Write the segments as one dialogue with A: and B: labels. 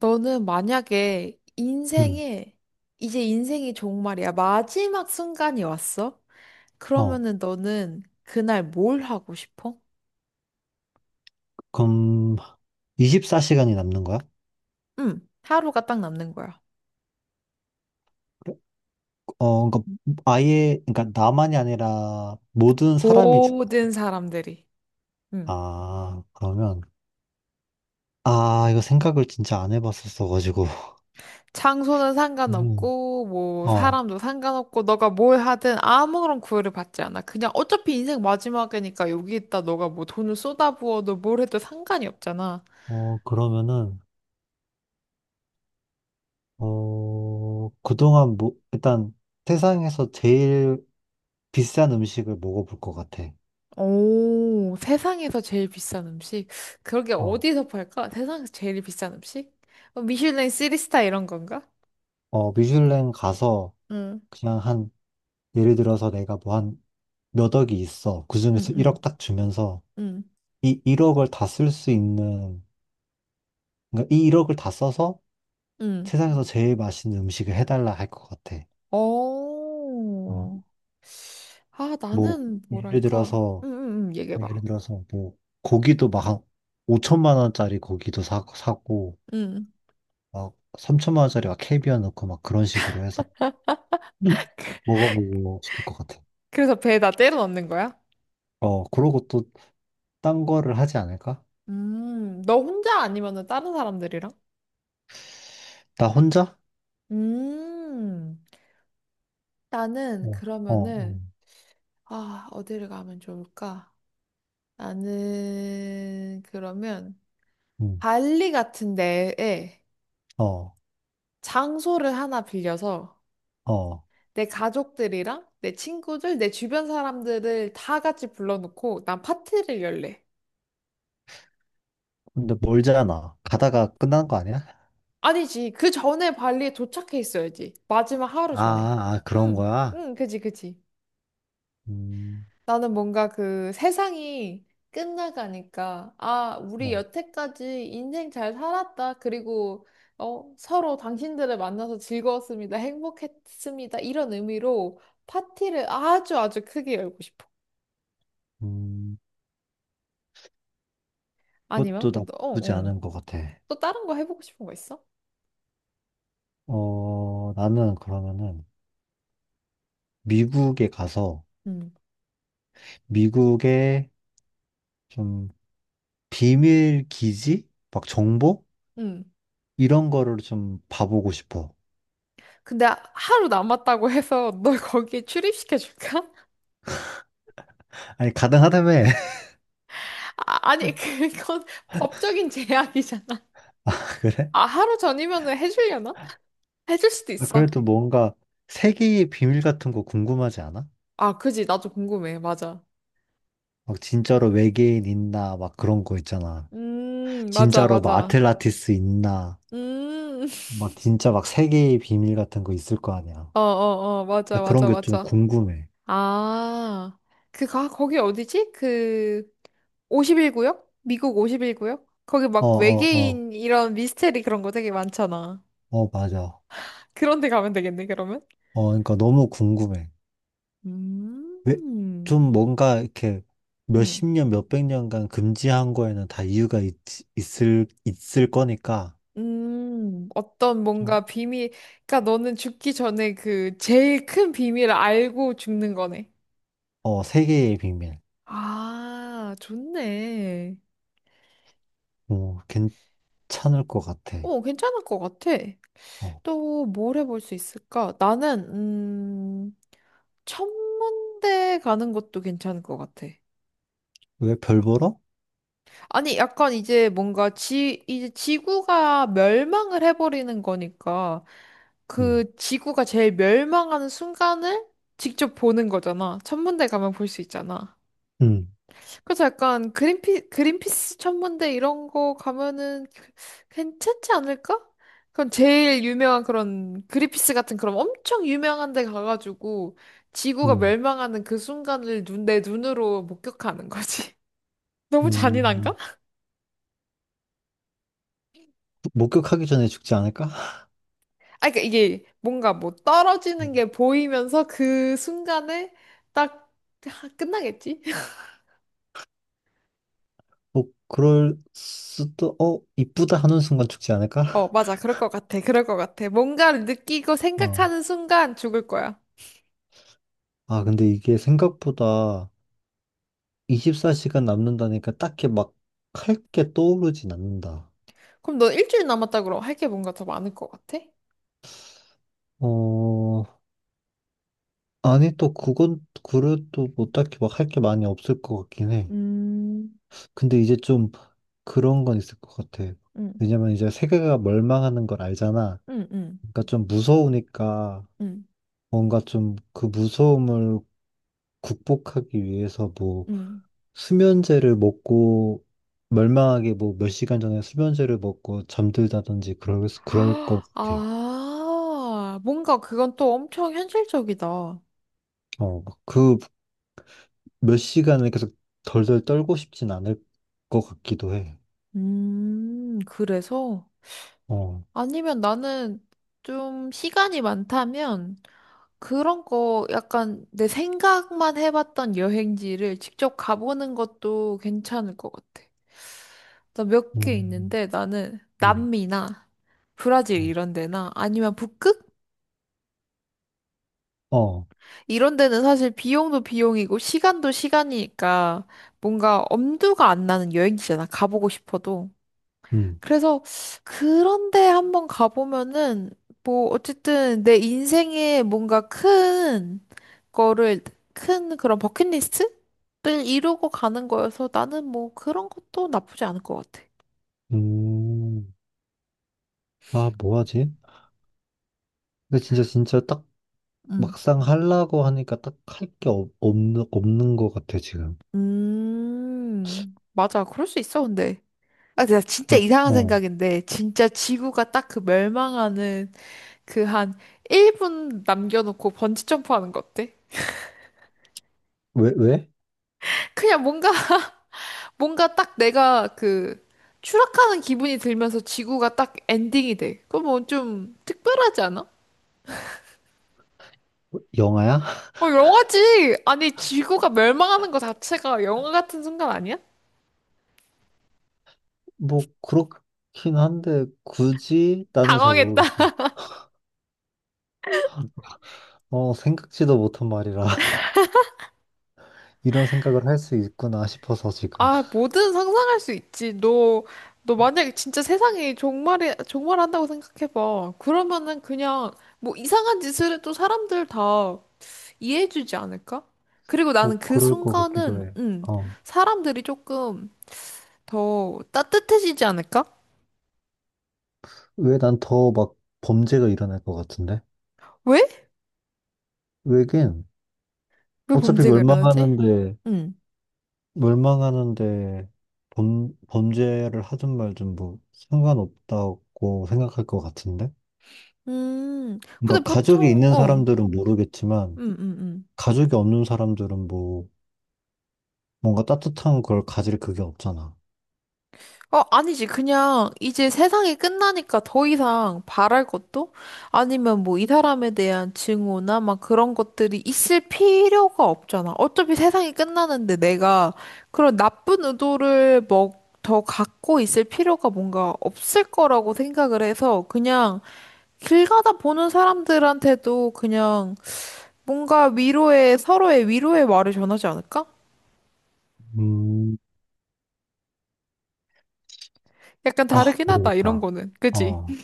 A: 너는 만약에
B: 음.
A: 인생에, 이제 인생이 정말이야. 마지막 순간이 왔어?
B: 어,
A: 그러면은 너는 그날 뭘 하고 싶어?
B: 그럼 24시간이 남는 거야?
A: 응, 하루가 딱 남는 거야.
B: 그러니까 아예, 그러니까 나만이 아니라 모든 사람이 죽.
A: 모든 사람들이. 응.
B: 아, 그러면 아, 이거 생각을 진짜 안 해봤었어가지고.
A: 장소는
B: 음.
A: 상관없고, 뭐,
B: 어,
A: 사람도 상관없고, 너가 뭘 하든 아무런 구애를 받지 않아. 그냥 어차피 인생 마지막이니까 여기 있다 너가 뭐 돈을 쏟아부어도 뭘 해도 상관이 없잖아.
B: 그러면은 그동안 뭐 일단 세상에서 제일 비싼 음식을 먹어볼 것 같아.
A: 오, 세상에서 제일 비싼 음식? 그러게
B: 어,
A: 어디서 팔까? 세상에서 제일 비싼 음식? 어, 미슐랭 3스타 이런 건가?
B: 미슐랭 가서
A: 응,
B: 그냥 한 예를 들어서 내가 뭐 한 몇 억이 있어.
A: 응,
B: 그중에서 1억
A: 응,
B: 딱 주면서
A: 응.
B: 이 1억을 다 쓸 수 있는, 그러니까 이 1억을 다 써서
A: 응.
B: 세상에서 제일 맛있는 음식을 해달라 할 것 같아. 어,
A: 오. 아,
B: 뭐,
A: 나는
B: 예를
A: 뭐랄까?
B: 들어서,
A: 응, 응, 응, 얘기해봐.
B: 뭐, 고기도 막, 한 5천만 원짜리 고기도 사고,
A: 응.
B: 막, 3천만 원짜리 막 캐비어 넣고 막 그런 식으로 해서 음. 먹어보고 싶을 것 같아.
A: 그래서 배에다 때려 넣는 거야?
B: 그러고 또 딴 거를 하지 않을까?
A: 너 혼자 아니면은 다른 사람들이랑?
B: 나 혼자?
A: 음. 나는
B: 어, 어,
A: 그러면은, 아, 어디를 가면 좋을까? 나는 그러면
B: 음,
A: 발리 같은 데에
B: 어,
A: 장소를 하나 빌려서
B: 어.
A: 내 가족들이랑 내 친구들, 내 주변 사람들을 다 같이 불러놓고 난 파티를 열래.
B: 근데 멀잖아. 가다가 끝난 거 아니야?
A: 아니지. 그 전에 발리에 도착해 있어야지. 마지막 하루 전에.
B: 아, 아, 그런
A: 응,
B: 거야?
A: 응, 그지, 그지.
B: 음,
A: 나는 뭔가 그 세상이 끝나가니까, 아, 우리
B: 어,
A: 여태까지 인생 잘 살았다. 그리고, 어, 서로 당신들을 만나서 즐거웠습니다. 행복했습니다. 이런 의미로 파티를 아주 아주 크게 열고 싶어.
B: 음,
A: 아니면,
B: 그것도
A: 뭐, 너- 어,
B: 나쁘지
A: 어.
B: 않은 것 같아.
A: 또 다른 거 해보고 싶은 거 있어?
B: 나는 그러면은 미국에 가서
A: 응,
B: 미국의 좀 비밀 기지? 막 정보?
A: 응.
B: 이런 거를 좀 봐보고 싶어.
A: 근데 하루 남았다고 해서 널 거기에 출입시켜줄까?
B: 아니, 가능하다며.
A: 아, 아니, 그건 법적인 제약이잖아.
B: 그래?
A: 아, 하루 전이면은 해주려나? 해줄 수도
B: 아,
A: 있어.
B: 그래도 뭔가 세계의 비밀 같은 거 궁금하지 않아?
A: 아, 그지. 나도 궁금해. 맞아.
B: 막 진짜로 외계인 있나? 막 그런 거 있잖아.
A: 맞아,
B: 진짜로 뭐
A: 맞아.
B: 아틀란티스 있나?
A: 음,
B: 막 진짜 막 세계의 비밀 같은 거 있을 거 아니야.
A: 어, 어, 어,
B: 나
A: 맞아,
B: 그런
A: 맞아,
B: 게 좀
A: 맞아.
B: 궁금해.
A: 아, 그, 가, 거기 어디지? 그, 5일구역 미국 5일구역 거기
B: 어,
A: 막
B: 어, 어,
A: 외계인 이런 미스테리 그런 거 되게 많잖아.
B: 어, 맞아.
A: 그런 데 가면 되겠네, 그러면?
B: 그러니까 너무 궁금해. 왜,
A: 음,
B: 좀 뭔가 이렇게 몇 십
A: 음,
B: 년, 몇 백 년간 금지한 거에는 다 이유가 있을 거니까,
A: 어떤
B: 좀,
A: 뭔가 비밀, 그러니까 너는 죽기 전에 그 제일 큰 비밀을 알고 죽는 거네.
B: 세계의 비밀.
A: 아, 좋네.
B: 어, 괜찮을 것 같아.
A: 어, 괜찮을 것 같아.
B: 어,
A: 또 뭘 해볼 수 있을까? 나는, 음, 천문대 가는 것도 괜찮을 것 같아.
B: 왜 별 보러?
A: 아니, 약간 이제 뭔가 지, 이제 지구가 멸망을 해버리는 거니까
B: 음,
A: 그 지구가 제일 멸망하는 순간을 직접 보는 거잖아. 천문대 가면 볼 수 있잖아.
B: 음,
A: 그래서 약간 그린피스 천문대 이런 거 가면은 그, 괜찮지 않을까? 그럼 제일 유명한 그런 그린피스 같은 그런 엄청 유명한 데 가가지고 지구가
B: 음,
A: 멸망하는 그 순간을 눈, 내 눈으로 목격하는 거지. 너무
B: 음.
A: 잔인한가?
B: 목격하기 전에 죽지 않을까?
A: 아, 그러니까 이게 뭔가 뭐 떨어지는 게 보이면서 그 순간에 딱 하- 끝나겠지?
B: 뭐 그럴 수도 이쁘다 하는 순간 죽지 않을까?
A: 어, 맞아. 그럴 것 같아. 그럴 것 같아. 뭔가를 느끼고
B: 어.
A: 생각하는 순간 죽을 거야.
B: 아 근데 이게 생각보다 24시간 남는다니까 딱히 막 할 게 떠오르진 않는다.
A: 그럼 너 일주일 남았다 그럼 할 게 뭔가 더 많을 것 같아?
B: 어, 아니 또 그건 그래도 뭐 딱히 막 할 게 많이 없을 것 같긴 해.
A: 음,
B: 근데 이제 좀 그런 건 있을 것 같아.
A: 응,
B: 왜냐면 이제 세계가 멸망하는 걸 알잖아.
A: 응, 응,
B: 그러니까 좀 무서우니까
A: 응,
B: 뭔가 좀 그 무서움을 극복하기 위해서 뭐
A: 응.
B: 수면제를 먹고 멀망하게 뭐 몇 시간 전에 수면제를 먹고 잠들다든지 그럴 것
A: 아,
B: 같아.
A: 아, 뭔가 그건 또 엄청 현실적이다.
B: 그 몇 시간을 계속 덜덜 떨고 싶진 않을 것 같기도 해.
A: 그래서?
B: 어,
A: 아니면 나는 좀 시간이 많다면 그런 거 약간 내 생각만 해봤던 여행지를 직접 가보는 것도 괜찮을 것 같아. 나 몇 개
B: 음,
A: 있는데 나는
B: 음,
A: 남미나 브라질
B: 어,
A: 이런 데나 아니면 북극?
B: 어,
A: 이런 데는 사실 비용도 비용이고 시간도 시간이니까 뭔가 엄두가 안 나는 여행지잖아. 가보고 싶어도.
B: 음,
A: 그래서 그런데 한번 가보면은 뭐 어쨌든 내 인생에 뭔가 큰 거를 큰 그런 버킷리스트를 이루고 가는 거여서 나는 뭐 그런 것도 나쁘지 않을 것 같아.
B: 음. 아, 뭐 하지? 근데 진짜 진짜 딱
A: 음,
B: 막상 하려고 하니까 딱 할 게 없는 것 같아 지금.
A: 맞아. 그럴 수 있어, 근데. 아, 나 진짜
B: 아,
A: 이상한
B: 어,
A: 생각인데, 진짜 지구가 딱 그 멸망하는 그 한 1분 남겨놓고 번지 점프하는 거 어때?
B: 왜 왜?
A: 그냥 뭔가 뭔가 딱 내가 그 추락하는 기분이 들면서 지구가 딱 엔딩이 돼. 그럼 뭐좀 특별하지 않아?
B: 영화야?
A: 어 영화지. 아니 지구가 멸망하는 거 자체가 영화 같은 순간 아니야?
B: 뭐 그렇긴 한데 굳이 나는 잘
A: 당황했다.
B: 모르겠어. 생각지도 못한 말이라 이런 생각을 할 수 있구나 싶어서 지금.
A: 아 뭐든 상상할 수 있지. 너 만약에 진짜 세상이 종말이 종말한다고 생각해봐. 그러면은 그냥 뭐 이상한 짓을 해도 사람들 다 이해해주지 않을까? 그리고 나는
B: 뭐
A: 그
B: 그럴 것 같기도
A: 순간은,
B: 해. 어,
A: 사람들이 조금 더 따뜻해지지 않을까?
B: 왜 난 더 막 범죄가 일어날 것 같은데?
A: 왜?
B: 왜긴.
A: 왜
B: 어차피
A: 범죄가 일어나지?
B: 멸망하는데
A: 음.
B: 멸망하는데 범 범죄를 하든 말든 뭐 상관없다고 생각할 것 같은데?
A: 근데
B: 그러니까 가족이
A: 보통,
B: 있는
A: 어,
B: 사람들은 모르겠지만
A: 음, 음, 음.
B: 가족이 없는 사람들은 뭐 뭔가 따뜻한 걸 가질 그게 없잖아.
A: 어, 아니지. 그냥 이제 세상이 끝나니까 더 이상 바랄 것도 아니면 뭐 이 사람에 대한 증오나 막 그런 것들이 있을 필요가 없잖아. 어차피 세상이 끝나는데 내가 그런 나쁜 의도를 뭐 더 갖고 있을 필요가 뭔가 없을 거라고 생각을 해서 그냥 길 가다 보는 사람들한테도 그냥 뭔가 위로의 서로의 위로의 말을 전하지 않을까?
B: 음,
A: 약간
B: 아,
A: 다르긴 하다. 이런
B: 모르겠다.
A: 거는. 그지?
B: 어.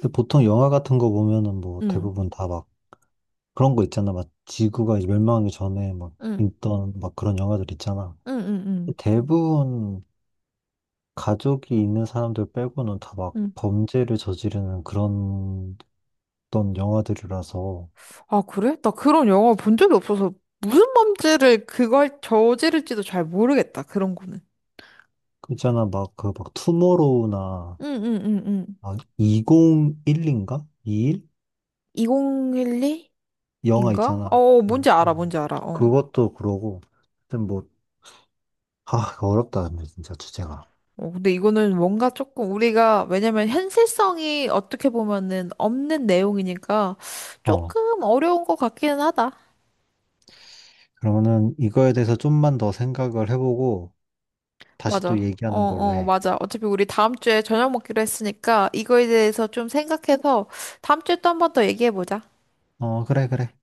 B: 근데 보통 영화 같은 거 보면은 뭐
A: 응.
B: 대부분 다 막 그런 거 있잖아. 막 지구가 멸망하기 전에 막
A: 응.
B: 있던 막 그런 영화들 있잖아.
A: 응. 응. 응.
B: 대부분 가족이 있는 사람들 빼고는 다 막
A: 응.
B: 범죄를 저지르는 그런 어떤 영화들이라서.
A: 아, 그래? 나 그런 영화 본 적이 없어서 무슨 범죄를 그걸 저지를지도 잘 모르겠다. 그런 거는.
B: 그 있잖아. 막 그 막 투모로우나
A: 응응응응.
B: 막 2011인가?
A: 2012인가?
B: 영화 있잖아.
A: 어, 뭔지
B: 음,
A: 알아,
B: 음.
A: 뭔지 알아. 어.
B: 그것도 그러고, 하여튼 뭐, 아, 어렵다, 근데 진짜 주제가.
A: 어, 근데 이거는 뭔가 조금 우리가 왜냐면 현실성이 어떻게 보면은 없는 내용이니까
B: 어,
A: 조금 어려운 것 같기는 하다.
B: 그러면은 이거에 대해서 좀만 더 생각을 해보고, 다시 또
A: 맞아. 어,
B: 얘기하는 걸로
A: 어,
B: 해.
A: 맞아. 어차피 우리 다음 주에 저녁 먹기로 했으니까 이거에 대해서 좀 생각해서 다음 주에 또 한번 더 얘기해 보자.
B: 어, 그래, 그래.